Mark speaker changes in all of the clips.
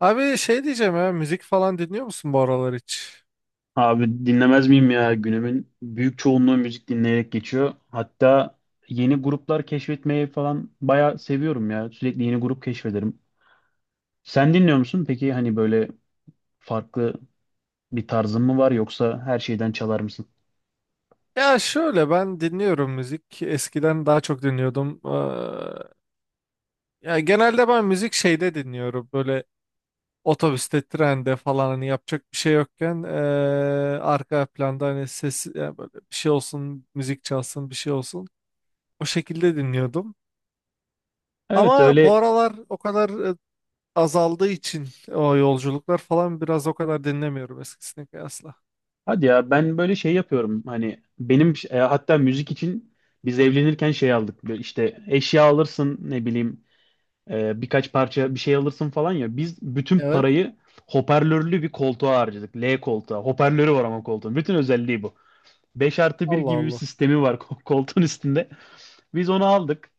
Speaker 1: Abi şey diyeceğim ya, müzik falan dinliyor musun bu aralar hiç?
Speaker 2: Abi dinlemez miyim ya? Günümün büyük çoğunluğu müzik dinleyerek geçiyor. Hatta yeni gruplar keşfetmeyi falan bayağı seviyorum ya. Sürekli yeni grup keşfederim. Sen dinliyor musun? Peki hani böyle farklı bir tarzın mı var yoksa her şeyden çalar mısın?
Speaker 1: Ya şöyle, ben dinliyorum müzik. Eskiden daha çok dinliyordum. Ya genelde ben müzik şeyde dinliyorum. Böyle otobüste, trende falan hani yapacak bir şey yokken arka planda hani ses ya böyle bir şey olsun, müzik çalsın, bir şey olsun. O şekilde dinliyordum.
Speaker 2: Evet
Speaker 1: Ama bu
Speaker 2: öyle.
Speaker 1: aralar o kadar azaldığı için, o yolculuklar falan biraz, o kadar dinlemiyorum eskisine kıyasla.
Speaker 2: Hadi ya ben böyle şey yapıyorum. Hani benim hatta müzik için biz evlenirken şey aldık. Böyle işte eşya alırsın ne bileyim birkaç parça bir şey alırsın falan ya. Biz bütün
Speaker 1: Evet.
Speaker 2: parayı hoparlörlü bir koltuğa harcadık. L koltuğa. Hoparlörü var ama koltuğun. Bütün özelliği bu. 5+1
Speaker 1: Allah
Speaker 2: gibi bir
Speaker 1: Allah.
Speaker 2: sistemi var koltuğun üstünde. Biz onu aldık.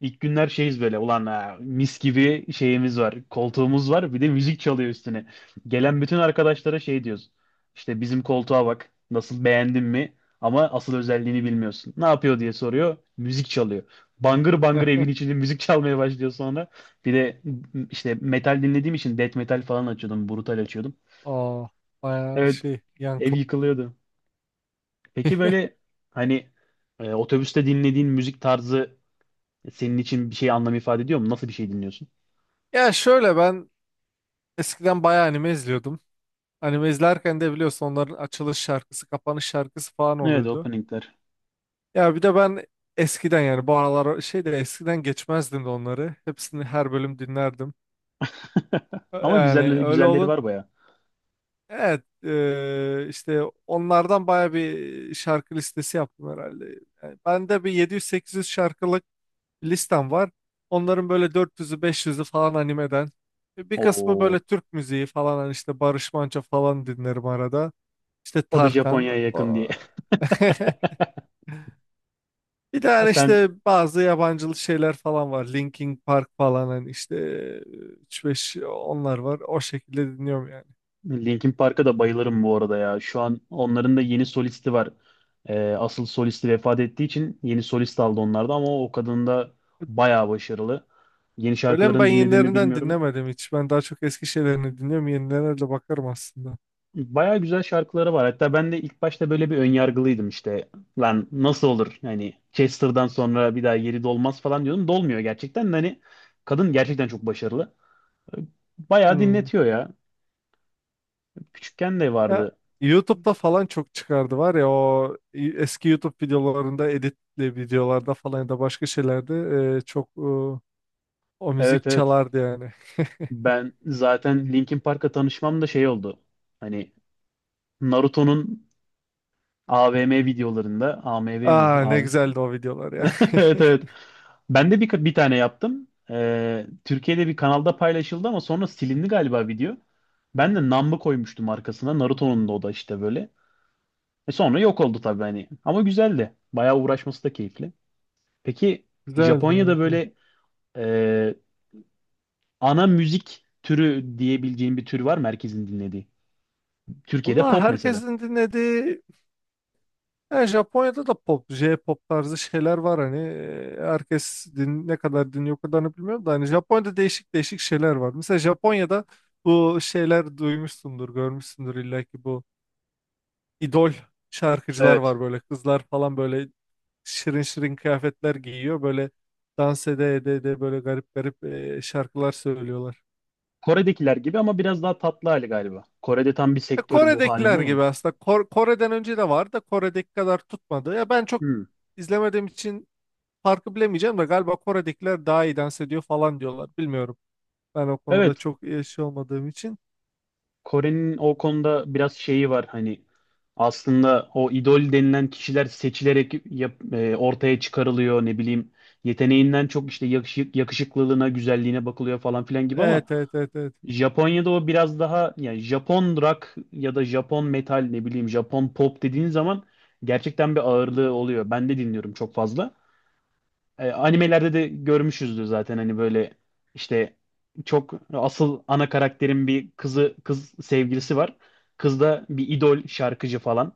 Speaker 2: İlk günler şeyiz böyle ulan ha, mis gibi şeyimiz var koltuğumuz var bir de müzik çalıyor üstüne. Gelen bütün arkadaşlara şey diyoruz işte bizim koltuğa bak nasıl beğendin mi ama asıl özelliğini bilmiyorsun. Ne yapıyor diye soruyor müzik çalıyor. Bangır bangır evin içinde müzik çalmaya başlıyor sonra. Bir de işte metal dinlediğim için death metal falan açıyordum brutal açıyordum.
Speaker 1: Aa, bayağı
Speaker 2: Evet,
Speaker 1: şey,
Speaker 2: ev
Speaker 1: yankı.
Speaker 2: yıkılıyordu. Peki böyle hani otobüste dinlediğin müzik tarzı senin için bir şey anlam ifade ediyor mu? Nasıl bir şey dinliyorsun?
Speaker 1: Ya şöyle, ben eskiden bayağı anime izliyordum. Anime izlerken de biliyorsun, onların açılış şarkısı, kapanış şarkısı falan
Speaker 2: Evet,
Speaker 1: oluyordu.
Speaker 2: openingler.
Speaker 1: Ya bir de ben eskiden, yani bu aralar şey de, eskiden geçmezdim de onları. Hepsini, her bölüm dinlerdim.
Speaker 2: Ama
Speaker 1: Yani
Speaker 2: güzelleri,
Speaker 1: öyle
Speaker 2: güzelleri
Speaker 1: olun.
Speaker 2: var baya.
Speaker 1: Evet, işte onlardan bayağı bir şarkı listesi yaptım herhalde. Yani ben de bir 700-800 şarkılık listem var. Onların böyle dört yüzü, beş yüzü falan animeden. Bir kısmı
Speaker 2: Oo,
Speaker 1: böyle Türk müziği falan, hani işte Barış Manço falan dinlerim arada. İşte
Speaker 2: o da
Speaker 1: Tarkan.
Speaker 2: Japonya'ya yakın diye.
Speaker 1: O- Bir de
Speaker 2: Ha
Speaker 1: hani
Speaker 2: sen.
Speaker 1: işte bazı yabancılı şeyler falan var. Linkin Park falan, hani işte üç beş, onlar var. O şekilde dinliyorum yani.
Speaker 2: Linkin Park'a da bayılırım bu arada ya. Şu an onların da yeni solisti var. Asıl solisti vefat ettiği için yeni solist aldı onlarda ama o kadın da bayağı başarılı. Yeni
Speaker 1: Öyle mi? Ben
Speaker 2: şarkılarını dinlediğimi
Speaker 1: yenilerinden
Speaker 2: bilmiyorum.
Speaker 1: dinlemedim hiç. Ben daha çok eski şeylerini dinliyorum. Yenilerine de bakarım aslında.
Speaker 2: Baya güzel şarkıları var. Hatta ben de ilk başta böyle bir önyargılıydım işte. Lan nasıl olur? Hani Chester'dan sonra bir daha yeri dolmaz falan diyordum. Dolmuyor gerçekten. De Hani kadın gerçekten çok başarılı. Baya
Speaker 1: Hmm.
Speaker 2: dinletiyor ya. Küçükken de
Speaker 1: Ya,
Speaker 2: vardı.
Speaker 1: YouTube'da falan çok çıkardı var ya, o eski YouTube videolarında, editli videolarda falan ya da başka şeylerde e, çok e, o
Speaker 2: Evet,
Speaker 1: müzik
Speaker 2: evet.
Speaker 1: çalardı yani.
Speaker 2: Ben zaten Linkin Park'la tanışmam da şey oldu. Hani Naruto'nun AVM videolarında. AMV mi?
Speaker 1: Aa, ne
Speaker 2: AV-
Speaker 1: güzeldi o videolar ya.
Speaker 2: Evet, evet. Ben de bir tane yaptım. Türkiye'de bir kanalda paylaşıldı ama sonra silindi galiba video. Ben de Namba koymuştum arkasına. Naruto'nun da o da işte böyle. E sonra yok oldu tabii hani. Ama güzeldi. Bayağı uğraşması da keyifli. Peki
Speaker 1: Güzeldi,
Speaker 2: Japonya'da
Speaker 1: evet. Evet.
Speaker 2: böyle e, ana müzik türü diyebileceğin bir tür var mı herkesin dinlediği? Türkiye'de
Speaker 1: Allah,
Speaker 2: pop mesela.
Speaker 1: herkesin dinlediği, yani Japonya'da da pop, J-pop tarzı şeyler var hani. Herkes din-, ne kadar dinliyor o kadarını bilmiyorum da, hani Japonya'da değişik değişik şeyler var. Mesela Japonya'da bu şeyler, duymuşsundur, görmüşsündür illa ki, bu idol şarkıcılar
Speaker 2: Evet.
Speaker 1: var, böyle kızlar falan, böyle şirin şirin kıyafetler giyiyor, böyle dans ede ede ede böyle garip garip şarkılar söylüyorlar.
Speaker 2: Kore'dekiler gibi ama biraz daha tatlı hali galiba. Kore'de tam bir sektörü bu halinde
Speaker 1: Kore'dekiler
Speaker 2: ya.
Speaker 1: gibi aslında. Kore'den önce de var da, Kore'deki kadar tutmadı. Ya ben çok
Speaker 2: Hmm.
Speaker 1: izlemediğim için farkı bilemeyeceğim de, galiba Kore'dekiler daha iyi dans ediyor falan diyorlar. Bilmiyorum. Ben o konuda
Speaker 2: Evet,
Speaker 1: çok iyi şey olmadığım için.
Speaker 2: Kore'nin o konuda biraz şeyi var hani aslında o idol denilen kişiler seçilerek ortaya çıkarılıyor ne bileyim yeteneğinden çok işte yakışık, yakışıklılığına, güzelliğine bakılıyor falan filan gibi ama
Speaker 1: Evet, evet, evet, evet.
Speaker 2: Japonya'da o biraz daha yani Japon rock ya da Japon metal ne bileyim Japon pop dediğin zaman gerçekten bir ağırlığı oluyor. Ben de dinliyorum çok fazla. Animelerde de görmüşüzdür zaten hani böyle işte çok asıl ana karakterin bir kızı kız sevgilisi var. Kız da bir idol şarkıcı falan.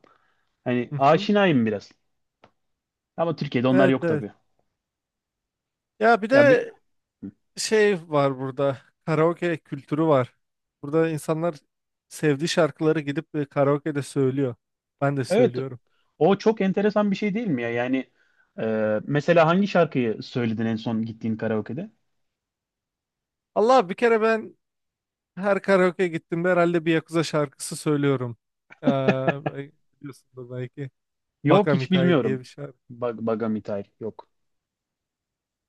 Speaker 2: Hani
Speaker 1: Hı hı.
Speaker 2: aşinayım biraz. Ama Türkiye'de onlar
Speaker 1: Evet,
Speaker 2: yok
Speaker 1: evet.
Speaker 2: tabii.
Speaker 1: Ya bir
Speaker 2: Ya bir,
Speaker 1: de şey var burada. Karaoke kültürü var. Burada insanlar sevdiği şarkıları gidip karaoke'de söylüyor. Ben de
Speaker 2: evet,
Speaker 1: söylüyorum.
Speaker 2: o çok enteresan bir şey değil mi ya? Yani mesela hangi şarkıyı söyledin en son gittiğin karaoke'de?
Speaker 1: Allah, bir kere ben her karaoke gittiğimde herhalde bir Yakuza şarkısı söylüyorum. Ee, bel- Biliyorsundur belki.
Speaker 2: Yok,
Speaker 1: Baka
Speaker 2: hiç
Speaker 1: Mitai diye
Speaker 2: bilmiyorum.
Speaker 1: bir şarkı.
Speaker 2: Bag Bagamitay yok.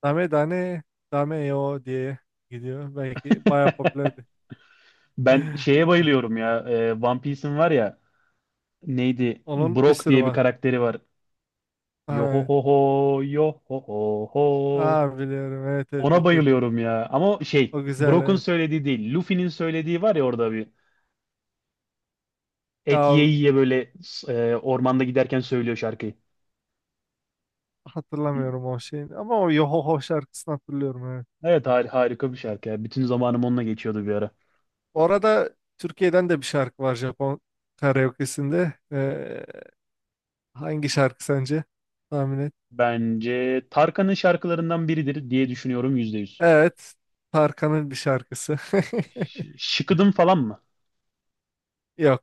Speaker 1: Dame dane dame yo diye gidiyor. Belki bayağı popülerdi.
Speaker 2: Ben şeye bayılıyorum ya. One Piece'in var ya, neydi?
Speaker 1: Onun bir
Speaker 2: Brock
Speaker 1: sürü
Speaker 2: diye bir
Speaker 1: var.
Speaker 2: karakteri var. Yo ho
Speaker 1: Evet.
Speaker 2: ho ho, yo ho ho ho.
Speaker 1: Aa, biliyorum. Evet, evet,
Speaker 2: Ona
Speaker 1: evet, evet.
Speaker 2: bayılıyorum ya. Ama şey,
Speaker 1: O güzel,
Speaker 2: Brock'un
Speaker 1: evet.
Speaker 2: söylediği değil. Luffy'nin söylediği var ya orada bir. Et ye
Speaker 1: Ya,
Speaker 2: ye böyle ormanda giderken söylüyor şarkıyı.
Speaker 1: hatırlamıyorum o şeyini ama o Yohoho şarkısını hatırlıyorum, evet.
Speaker 2: Evet, harika bir şarkı ya. Bütün zamanım onunla geçiyordu bir ara.
Speaker 1: Orada, Türkiye'den de bir şarkı var Japon karaoke'sinde. Hangi şarkı sence? Tahmin et.
Speaker 2: Bence Tarkan'ın şarkılarından biridir diye düşünüyorum %100.
Speaker 1: Evet. Tarkan'ın bir şarkısı.
Speaker 2: Şıkıdım falan mı?
Speaker 1: Yok.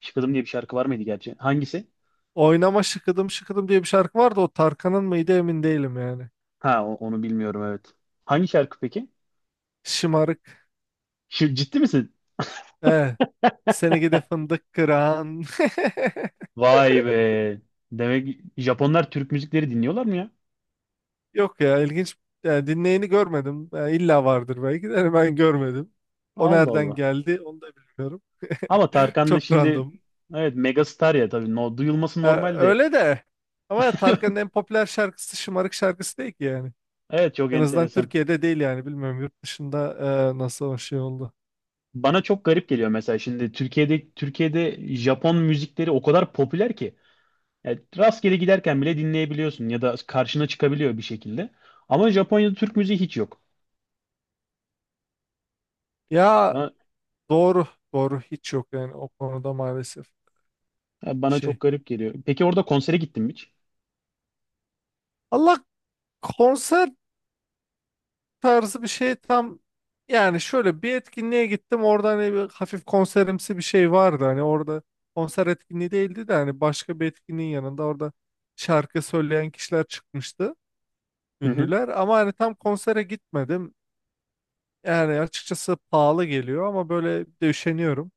Speaker 2: Şıkıdım diye bir şarkı var mıydı gerçi? Hangisi?
Speaker 1: Oynama şıkıdım şıkıdım diye bir şarkı vardı. O Tarkan'ın mıydı emin değilim yani.
Speaker 2: Ha onu bilmiyorum evet. Hangi şarkı peki?
Speaker 1: Şımarık.
Speaker 2: Şu, ciddi misin?
Speaker 1: Evet. Seni gide fındık kıran.
Speaker 2: Vay be. Demek Japonlar Türk müzikleri dinliyorlar mı ya?
Speaker 1: Yok ya, ilginç. Yani dinleyeni görmedim. Yani illa vardır belki de. Hani ben görmedim. O
Speaker 2: Allah
Speaker 1: nereden
Speaker 2: Allah.
Speaker 1: geldi onu da bilmiyorum.
Speaker 2: Ama Tarkan da
Speaker 1: Çok
Speaker 2: şimdi
Speaker 1: random.
Speaker 2: evet megastar ya tabii. No, duyulması normal de.
Speaker 1: Öyle de. Ama Tarkan'ın en popüler şarkısı şımarık şarkısı değil ki yani.
Speaker 2: Evet, çok
Speaker 1: En azından
Speaker 2: enteresan.
Speaker 1: Türkiye'de değil yani. Bilmiyorum, yurt dışında nasıl o şey oldu.
Speaker 2: Bana çok garip geliyor, mesela şimdi Türkiye'de Japon müzikleri o kadar popüler ki yani rastgele giderken bile dinleyebiliyorsun ya da karşına çıkabiliyor bir şekilde. Ama Japonya'da Türk müziği hiç yok.
Speaker 1: Ya
Speaker 2: Bana,
Speaker 1: doğru. Doğru, hiç yok yani o konuda maalesef
Speaker 2: bana
Speaker 1: şey.
Speaker 2: çok garip geliyor. Peki orada konsere gittin mi hiç?
Speaker 1: Allah, konser tarzı bir şey tam, yani şöyle bir etkinliğe gittim orada, hani bir hafif konserimsi bir şey vardı, hani orada konser etkinliği değildi de, hani başka bir etkinliğin yanında orada şarkı söyleyen kişiler çıkmıştı.
Speaker 2: Hı hı.
Speaker 1: Ünlüler, ama hani tam konsere gitmedim. Yani açıkçası pahalı geliyor, ama böyle bir de üşeniyorum.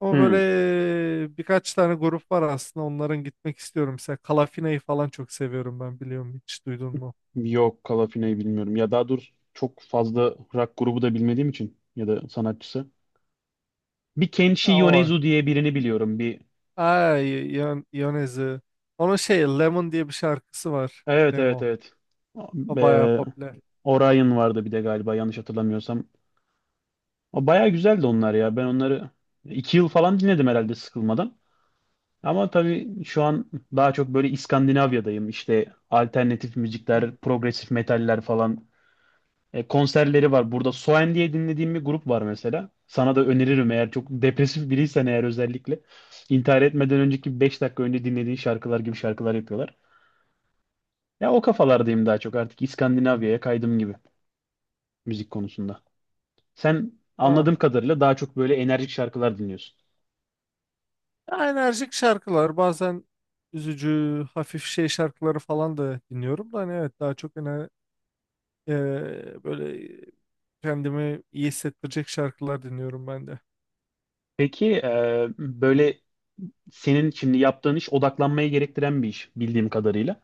Speaker 1: Ama
Speaker 2: Hı.
Speaker 1: böyle birkaç tane grup var aslında, onların gitmek istiyorum. Mesela Kalafina'yı falan çok seviyorum ben, biliyorum hiç, duydun mu?
Speaker 2: Yok, Kalafina'yı bilmiyorum. Ya daha doğrusu çok fazla rock grubu da bilmediğim için ya da sanatçısı. Bir Kenshi
Speaker 1: Ya o
Speaker 2: Yonezu
Speaker 1: var.
Speaker 2: diye birini biliyorum. Bir.
Speaker 1: Ay, Yon Yonezi. Onun şey, Lemon diye bir şarkısı var.
Speaker 2: Evet, evet,
Speaker 1: Lemon.
Speaker 2: evet.
Speaker 1: O bayağı
Speaker 2: Ee,
Speaker 1: popüler.
Speaker 2: Orion vardı bir de galiba yanlış hatırlamıyorsam. O bayağı güzeldi onlar ya. Ben onları 2 yıl falan dinledim herhalde sıkılmadan. Ama tabii şu an daha çok böyle İskandinavya'dayım. İşte alternatif
Speaker 1: Hmm.
Speaker 2: müzikler, progresif metaller falan. Konserleri var. Burada Soen diye dinlediğim bir grup var mesela. Sana da öneririm, eğer çok depresif biriysen eğer özellikle. İntihar etmeden önceki 5 dakika önce dinlediğin şarkılar gibi şarkılar yapıyorlar. Ya o kafalardayım daha çok artık, İskandinavya'ya kaydım gibi müzik konusunda. Sen
Speaker 1: Aa.
Speaker 2: anladığım kadarıyla daha çok böyle enerjik şarkılar dinliyorsun.
Speaker 1: Ya enerjik şarkılar, bazen üzücü hafif şey şarkıları falan da dinliyorum da, hani evet daha çok böyle kendimi iyi hissettirecek şarkılar dinliyorum ben de.
Speaker 2: Peki böyle senin şimdi yaptığın iş odaklanmaya gerektiren bir iş bildiğim kadarıyla.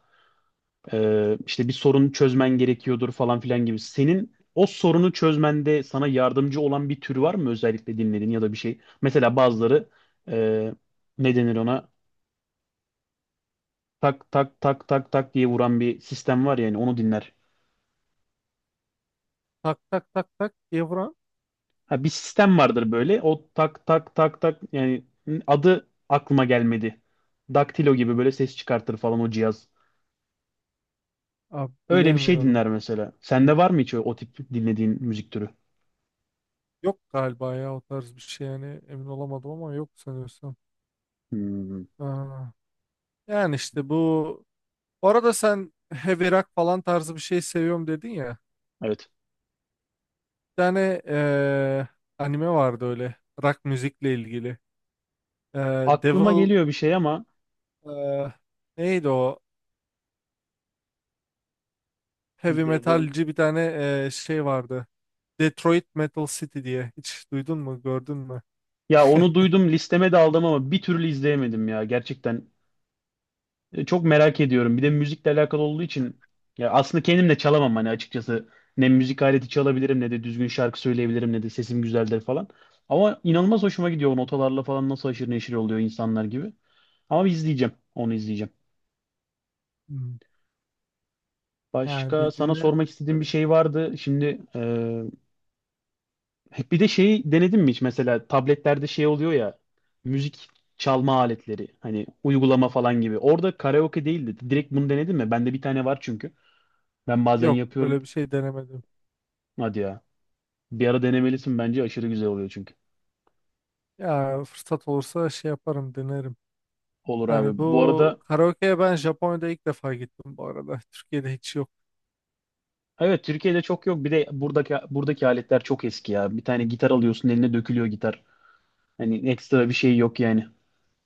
Speaker 2: İşte bir sorun çözmen gerekiyordur falan filan gibi. Senin o sorunu çözmende sana yardımcı olan bir tür var mı özellikle dinlediğin ya da bir şey? Mesela bazıları e, ne denir ona? Tak tak tak tak tak diye vuran bir sistem var, yani onu dinler.
Speaker 1: Tak tak tak tak Evren.
Speaker 2: Ha, bir sistem vardır böyle. O tak tak tak tak, yani adı aklıma gelmedi. Daktilo gibi böyle ses çıkartır falan o cihaz.
Speaker 1: Abi
Speaker 2: Öyle bir şey dinler
Speaker 1: bilemiyorum.
Speaker 2: mesela. Sende var mı hiç o, o tip dinlediğin müzik türü?
Speaker 1: Yok galiba ya, o tarz bir şey yani emin olamadım, ama yok sanıyorsam.
Speaker 2: Hmm,
Speaker 1: Aa, yani işte bu. Bu arada sen heavy rock falan tarzı bir şey seviyorum dedin ya.
Speaker 2: evet.
Speaker 1: Bir tane anime vardı öyle, rock müzikle ilgili.
Speaker 2: Aklıma
Speaker 1: Devil
Speaker 2: geliyor bir şey ama.
Speaker 1: eee, neydi o? Heavy
Speaker 2: Devil-
Speaker 1: metalci bir tane şey vardı. Detroit Metal City diye. Hiç duydun mu, gördün mü?
Speaker 2: ya onu duydum, listeme de aldım ama bir türlü izleyemedim ya gerçekten. Çok merak ediyorum. Bir de müzikle alakalı olduğu için, ya aslında kendim de çalamam hani açıkçası. Ne müzik aleti çalabilirim ne de düzgün şarkı söyleyebilirim ne de sesim güzeldir falan. Ama inanılmaz hoşuma gidiyor o notalarla falan nasıl haşır neşir oluyor insanlar gibi. Ama bir izleyeceğim. Onu izleyeceğim.
Speaker 1: Hmm. Yani
Speaker 2: Başka
Speaker 1: bir
Speaker 2: sana
Speaker 1: dinle
Speaker 2: sormak istediğim bir
Speaker 1: öyle.
Speaker 2: şey vardı. Şimdi bir de şeyi denedin mi hiç mesela, tabletlerde şey oluyor ya, müzik çalma aletleri hani uygulama falan gibi. Orada karaoke değildi. Direkt bunu denedin mi? Bende bir tane var çünkü. Ben bazen
Speaker 1: Yok,
Speaker 2: yapıyorum.
Speaker 1: öyle bir şey denemedim.
Speaker 2: Hadi ya. Bir ara denemelisin bence, aşırı güzel oluyor çünkü.
Speaker 1: Ya fırsat olursa şey yaparım, denerim.
Speaker 2: Olur abi.
Speaker 1: Yani
Speaker 2: Bu
Speaker 1: bu
Speaker 2: arada,
Speaker 1: karaoke'ye ben Japonya'da ilk defa gittim bu arada. Türkiye'de hiç yok.
Speaker 2: evet Türkiye'de çok yok. Bir de buradaki aletler çok eski ya. Bir tane gitar alıyorsun eline dökülüyor gitar. Hani ekstra bir şey yok yani.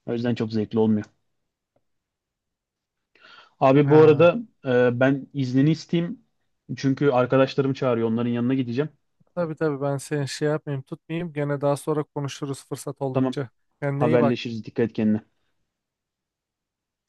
Speaker 2: O yüzden çok zevkli olmuyor. Abi bu
Speaker 1: Ha.
Speaker 2: arada ben iznini isteyeyim. Çünkü arkadaşlarım çağırıyor. Onların yanına gideceğim.
Speaker 1: Tabii tabii, ben seni şey yapmayayım, tutmayayım. Gene daha sonra konuşuruz fırsat
Speaker 2: Tamam.
Speaker 1: oldukça. Kendine iyi bak.
Speaker 2: Haberleşiriz. Dikkat et kendine.